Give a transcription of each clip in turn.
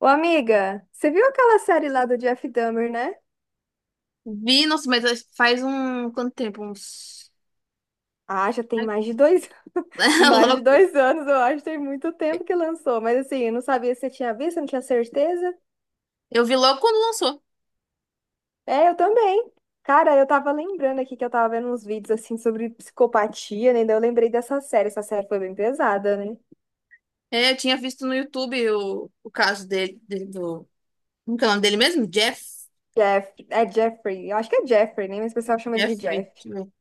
Ô, amiga, você viu aquela série lá do Jeff Dahmer, né? Vi, nossa, mas faz um. Quanto tempo? Uns. Ah, já tem mais de dois, mais de Logo. dois anos, eu acho, tem muito tempo que lançou. Mas assim, eu não sabia se você tinha visto, eu não tinha certeza. Eu vi logo quando lançou. É, eu também. Cara, eu tava lembrando aqui que eu tava vendo uns vídeos assim sobre psicopatia, né? Daí eu lembrei dessa série. Essa série foi bem pesada, né? É, eu tinha visto no YouTube o caso dele, dele- do. Como que é o nome dele mesmo? Jeff. Jeff, é Jeffrey, eu acho que é Jeffrey, né? Mas o pessoal chama ele de Jeffrey. Jeff. Deixa eu ver.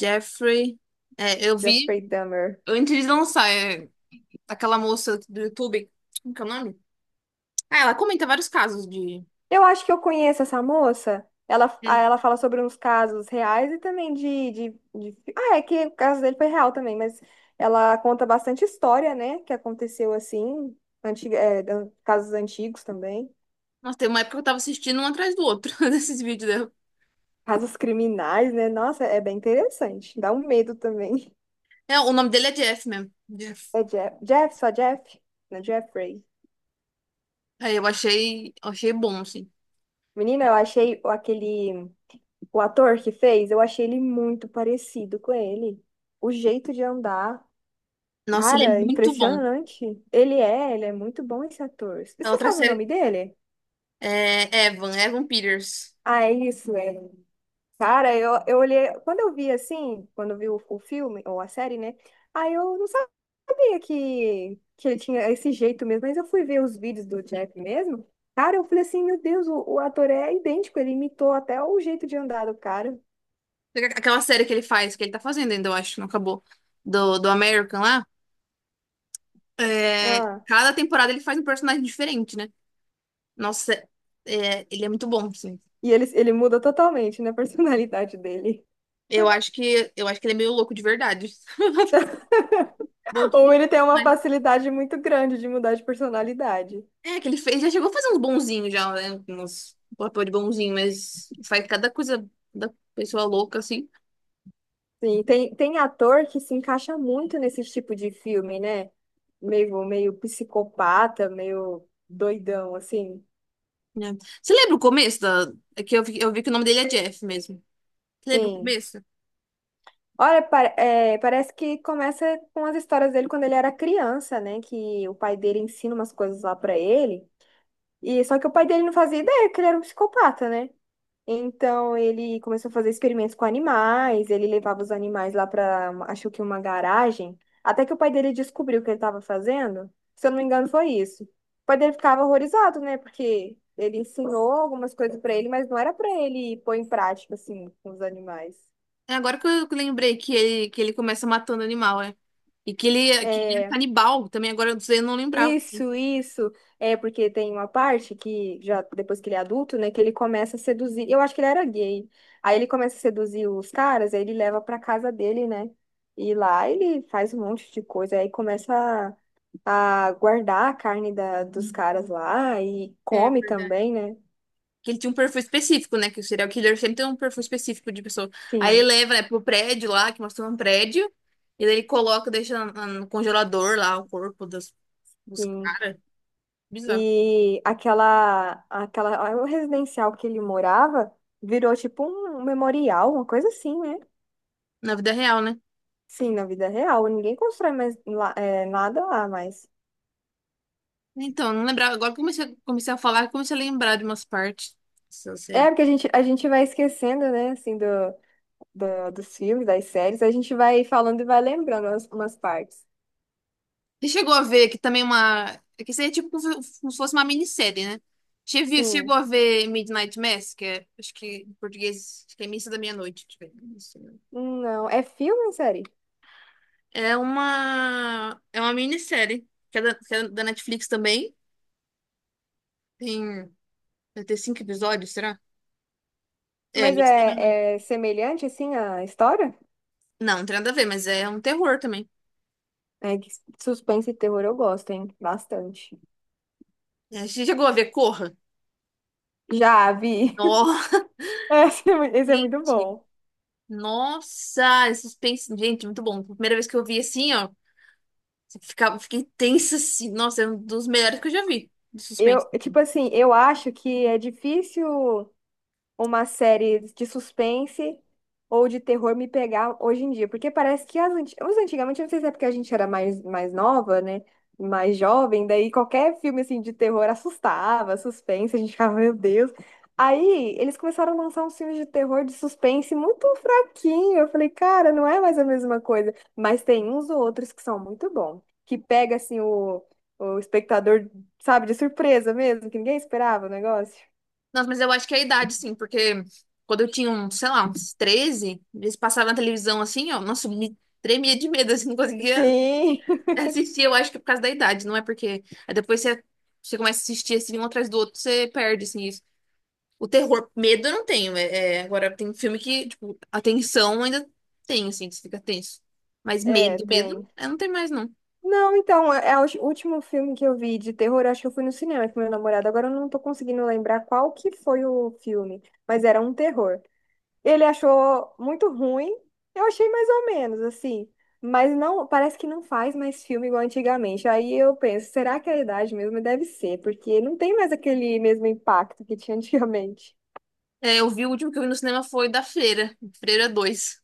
Jeffrey. É, eu vi Jeffrey Dahmer. antes de lançar. É, aquela moça do YouTube. Como que é o nome? Ah, ela comenta vários casos de. Eu acho que eu conheço essa moça. Ela, ah, Hum. ela fala sobre uns casos reais e também de Ah, é que o caso dele foi real também, mas ela conta bastante história, né? Que aconteceu assim, antiga, é, da- casos antigos também, Nossa, tem uma época que eu tava assistindo um atrás do outro desses vídeos dela. casos criminais, né? Nossa, é bem interessante. Dá um medo também. É, o nome dele é Jeff mesmo. Jeff. É Jeff, Jeff, só Jeff? Não, Jeffrey. Aí eu achei bom, assim. Menina, eu achei o- aquele. O ator que fez, eu achei ele muito parecido com ele. O jeito de andar. Nossa, ele é Cara, muito bom. impressionante. Ele é muito bom esse ator. E A você outra sabe o série nome dele? é Evan Peters. Ah, é isso, é. Cara, eu olhei, quando eu vi assim, quando eu vi o filme, ou a série, né? Aí eu não sabia que ele tinha esse jeito mesmo, mas eu fui ver os vídeos do Jeff mesmo. Cara, eu falei assim, meu Deus, o ator é idêntico, ele imitou até o jeito de andar do cara. Aquela série que ele faz, que ele tá fazendo ainda, eu acho, não acabou. Do American lá. É, Ah, cada temporada ele faz um personagem diferente, né? Nossa, é, ele é muito bom, assim. e ele muda totalmente, né, a personalidade dele. Eu acho que ele é meio louco de verdade. Bom Ou de- ele tem uma mas- facilidade muito grande de mudar de personalidade. É, que ele fez, já chegou a fazer uns bonzinhos já, né? Uns um papel de bonzinho, mas faz cada coisa da pessoa louca, assim. Sim, tem ator que se encaixa muito nesse tipo de filme, né? Meio, meio psicopata, meio doidão, assim. É. Você lembra o começo da... é que eu vi que o nome dele é Jeff mesmo. Você lembra o Sim. começo? Olha, pa- é, parece que começa com as histórias dele quando ele era criança, né? Que o pai dele ensina umas coisas lá pra ele. E só que o pai dele não fazia ideia que ele era um psicopata, né? Então ele começou a fazer experimentos com animais, ele levava os animais lá para, acho que uma garagem, até que o pai dele descobriu o que ele estava fazendo. Se eu não me engano, foi isso. O pai dele ficava horrorizado, né? Porque ele ensinou algumas coisas para ele, mas não era para ele pôr em prática assim com os animais. É agora que eu lembrei que ele começa matando animal, é. E que ele é É, canibal também, agora eu não lembrava. isso, isso. É porque tem uma parte que já depois que ele é adulto, né, que ele começa a seduzir. Eu acho que ele era gay. Aí ele começa a seduzir os caras, aí ele leva pra casa dele, né? E lá ele faz um monte de coisa, aí começa a guardar a carne da, dos caras lá e É come verdade. também, né? Que ele tinha um perfil específico, né? Que o serial killer sempre tem um perfil específico de pessoa. Aí ele Sim, leva, né, pro prédio lá, que mostrou um prédio. E daí ele coloca, deixa no congelador lá o corpo dos sim. caras. Bizarro. E aquela, aquela, o residencial que ele morava virou tipo um memorial, uma coisa assim, né? Na vida real, né? Sim, na vida real, ninguém constrói mais lá- é, nada lá, mas. Então, não lembrava. Agora que eu comecei a falar, eu comecei a lembrar de umas partes dessa É, série. porque a gente vai esquecendo, né, assim, do, do- dos filmes, das séries, a gente vai falando e vai lembrando umas, umas partes. Você chegou a ver que também uma. É que seria tipo como se fosse uma minissérie, né? Sim. Chegou a ver Midnight Mass, que é, acho que em português, acho que é Missa da Meia-Noite. Deixa eu ver. Missa da Meia-Noite. Não, é filme ou série? É uma minissérie, que é da Netflix também. Tem. Vai ter cinco episódios, será? É, Mas Missa da Meia-Noite. é, é semelhante, assim, à história? Não, não tem nada a ver, mas é um terror também. É que suspense e terror eu gosto, hein? Bastante. É, você chegou a ver Corra? Já vi. Nossa, Esse é mu- esse é muito gente. bom. Nossa, esse suspense. Gente, muito bom. Primeira vez que eu vi assim, ó. Fiquei tensa, assim. Nossa, é um dos melhores que eu já vi de suspense. Eu, tipo assim, eu acho que é difícil. Uma série de suspense ou de terror me pegar hoje em dia. Porque parece que as anti- os antigamente, eu não sei se é porque a gente era mais, mais nova, né? Mais jovem, daí qualquer filme assim de terror assustava, suspense, a gente ficava, meu Deus. Aí eles começaram a lançar uns filmes de terror de suspense muito fraquinho. Eu falei, cara, não é mais a mesma coisa. Mas tem uns outros que são muito bons, que pega assim o espectador, sabe, de surpresa mesmo, que ninguém esperava o negócio. Nossa, mas eu acho que é a idade, sim, porque quando eu tinha, uns, sei lá, uns 13, eles passavam na televisão assim, ó. Nossa, eu me tremia de medo, assim, não conseguia Sim. assistir. Eu acho que é por causa da idade, não é porque. Aí depois você começa a assistir assim, um atrás do outro, você perde, assim, isso. O terror, medo eu não tenho. Agora, tem filme que, tipo, a tensão ainda tem, assim, que você fica tenso. Mas É, medo, medo, tem. eu não tenho mais, não. Não, então, é o último filme que eu vi de terror, acho que eu fui no cinema com meu namorado. Agora eu não tô conseguindo lembrar qual que foi o filme, mas era um terror. Ele achou muito ruim, eu achei mais ou menos, assim. Mas não, parece que não faz mais filme igual antigamente. Aí eu penso, será que é a idade mesmo? Deve ser, porque não tem mais aquele mesmo impacto que tinha antigamente. É, eu vi o último que eu vi no cinema foi da Freira, Freira dois.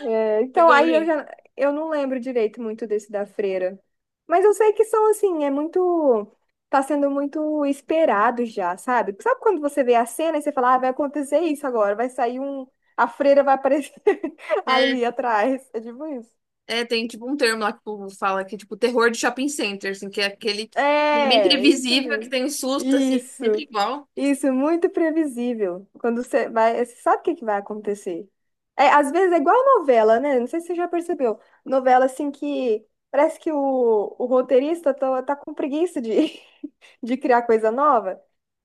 É, então, Chegou a aí ver? eu já eu não lembro direito muito desse da Freira. Mas eu sei que são assim, é muito. Tá sendo muito esperado já, sabe? Sabe quando você vê a cena e você fala, ah, vai acontecer isso agora, vai sair um. A freira vai aparecer É, ali atrás. É tipo isso. Tem tipo um termo lá que o povo fala que é tipo terror de shopping center, assim, que é aquele que é bem É, isso previsível, que mesmo. tem um susto, assim, Isso. sempre igual. Isso, muito previsível. Quando você vai, você sabe o que que vai acontecer. É, às vezes é igual a novela, né? Não sei se você já percebeu. Novela assim que parece que o roteirista tá com preguiça de, de criar coisa nova.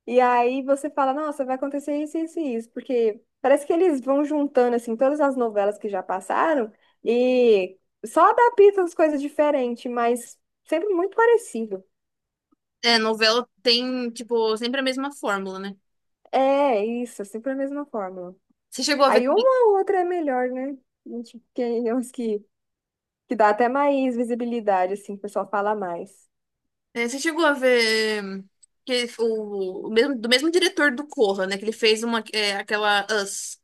E aí você fala, nossa, vai acontecer isso, isso e isso. Porque parece que eles vão juntando assim todas as novelas que já passaram e só adaptam as coisas diferentes, mas sempre muito parecido. É, novela tem, tipo, sempre a mesma fórmula, né? É, isso, é sempre a mesma fórmula. Você chegou a ver Aí também. uma ou outra é melhor, né? Tipo, que é uns que dá até mais visibilidade, assim, que o pessoal fala mais. É, você chegou a ver que o mesmo, do mesmo diretor do Corra, né? Que ele fez uma, é, aquela Us,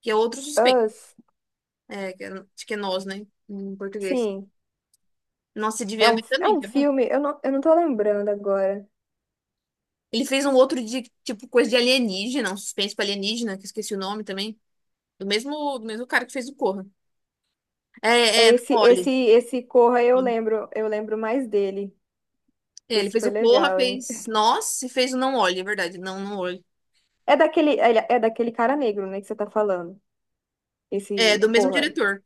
que é outro suspense. Us, É, que é, acho que é nós, né? Em português. sim, Nossa, você devia ver é também, um que é bom. filme, eu não tô lembrando agora. Ele fez um outro de, tipo, coisa de alienígena, um suspense pra alienígena, que eu esqueci o nome também. Do mesmo cara que fez o Corra. É esse, Não esse, olhe. esse Corra eu lembro mais dele. É, ele Esse fez foi o Corra, legal, hein? fez Nós e fez o Não Olhe, é verdade. Não, não olhe. É daquele, é daquele cara negro, né, que você tá falando. É, Esse do mesmo Corra. diretor.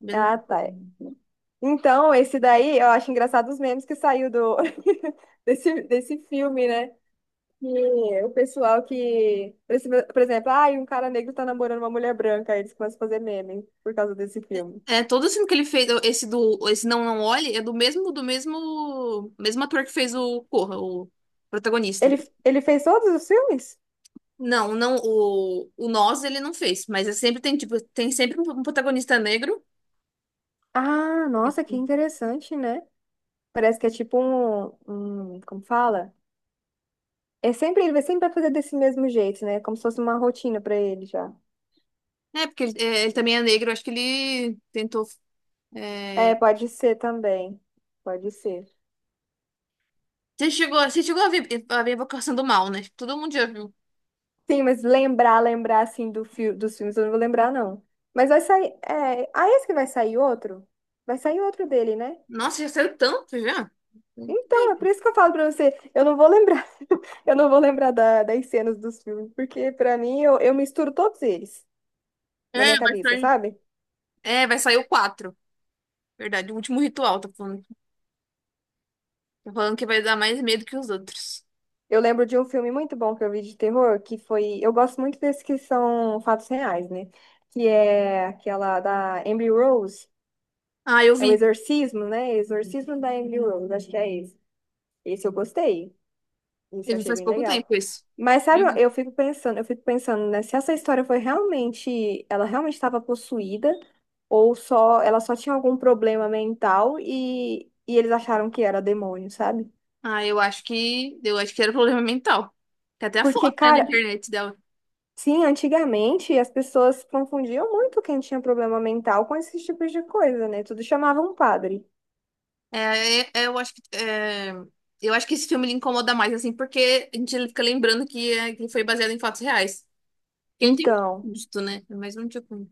mesmo- Ah, tá. Então, esse daí, eu acho engraçado os memes que saiu do, desse, desse filme, né? E o pessoal que, por esse- por exemplo, ah, um cara negro tá namorando uma mulher branca, aí eles começam a fazer meme por causa desse filme. É, todo o filme que ele fez, esse do, esse Não, não olhe, é do mesmo ator que fez o Corra, o protagonista. Ele, ele fez todos os filmes? Não, não, o Nós ele não fez, mas é sempre tem, tipo, tem sempre um protagonista negro. Ah, nossa, que interessante, né? Parece que é tipo um, um, como fala? É sempre, ele vai sempre vai fazer desse mesmo jeito, né? Como se fosse uma rotina pra ele já. É, porque ele, é, ele também é negro, acho que ele tentou. É, É, pode ser também. Pode ser. você chegou a ver a Invocação do Mal, né? Todo mundo já viu. Sim, mas lembrar, lembrar assim do fi dos filmes, eu não vou lembrar, não. Mas vai sair. É... Ah, esse que vai sair outro? Vai sair outro dele, né? Nossa, já saiu tanto já. Então, é por isso que eu falo pra você, eu não vou lembrar, eu não vou lembrar da- das cenas dos filmes, porque pra mim eu misturo todos eles na minha É, vai cabeça, sair. sabe? É, vai sair o 4. Verdade, o último ritual, tá falando. Tá falando que vai dar mais medo que os outros. Eu lembro de um filme muito bom que eu vi de terror, que foi, eu gosto muito desses que são fatos reais, né? Que é aquela da Emily Rose, Ah, eu é o vi. Exorcismo, né? Exorcismo da Emily Rose, acho que é esse. Esse eu gostei, esse eu Eu vi achei faz bem pouco legal. tempo isso. Mas sabe, Eu vi. eu fico pensando, né, se essa história foi realmente, ela realmente estava possuída ou só ela só tinha algum problema mental e eles acharam que era demônio, sabe? Ah, eu acho que. Eu acho que era problema mental. Tem até a Porque, foto, né, na cara, internet dela. sim, antigamente as pessoas confundiam muito quem tinha problema mental com esses tipos de coisa, né? Tudo chamava um padre. Eu acho que é, eu acho que esse filme ele incomoda mais assim, porque a gente fica lembrando que, é, que ele foi baseado em fatos reais. Porque ele tem muito Então, custo, né? Mas não tinha como.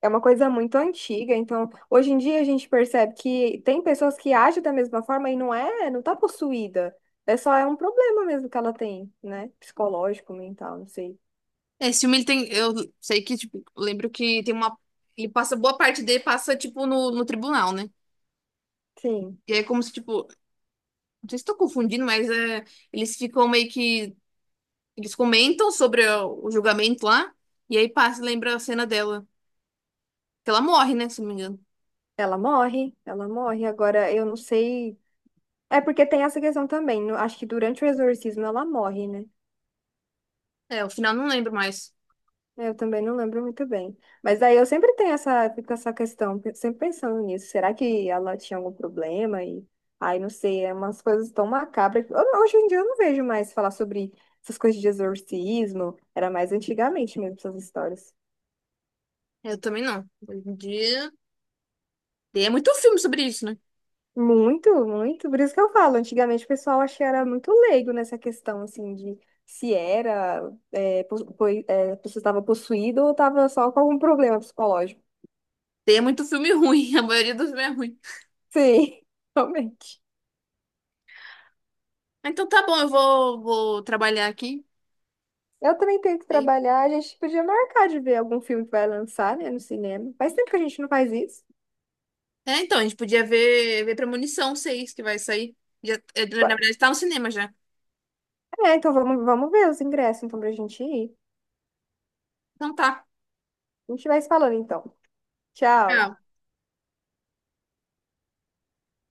é uma coisa muito antiga, então hoje em dia a gente percebe que tem pessoas que agem da mesma forma e não é, não tá possuída. É só é um problema mesmo que ela tem, né? Psicológico, mental, não sei. É, esse filme ele tem, eu sei que tipo, eu lembro que tem uma, ele passa boa parte dele passa tipo no tribunal, né? Sim, E é como se tipo, não sei se estou confundindo, mas é, eles ficam meio que eles comentam sobre o julgamento lá e aí passa lembra a cena dela, que ela morre, né? Se não me engano. ela morre, ela morre. Agora eu não sei. É porque tem essa questão também. No- acho que durante o exorcismo ela morre, né? É, o final eu não lembro mais. É, eu também não lembro muito bem. Mas aí eu sempre tenho essa, fico com essa questão, pe- sempre pensando nisso. Será que ela tinha algum problema? E aí, não sei, é umas coisas tão macabras. Que- eu não- hoje em dia eu não vejo mais falar sobre essas coisas de exorcismo. Era mais antigamente mesmo essas histórias. Eu também não. Hoje em dia. Tem muito filme sobre isso, né? Muito, muito. Por isso que eu falo, antigamente o pessoal achei era muito leigo nessa questão, assim, de se era, é, pos- poi- é, a pessoa estava possuída ou estava só com algum problema psicológico. Tem muito filme ruim, a maioria dos filmes é ruim. Sim, realmente. Então tá bom, eu vou, vou trabalhar aqui. Eu também tenho que Ok? trabalhar. A gente podia marcar de ver algum filme que vai lançar, né, no cinema. Faz tempo que a gente não faz isso. É, então, a gente podia ver Premonição 6 que vai sair. Já, é, na verdade, tá no cinema já. É, então vamos, vamos ver os ingressos, então, pra gente ir. Então tá. A gente vai se falando, então. Tchau. Tchau.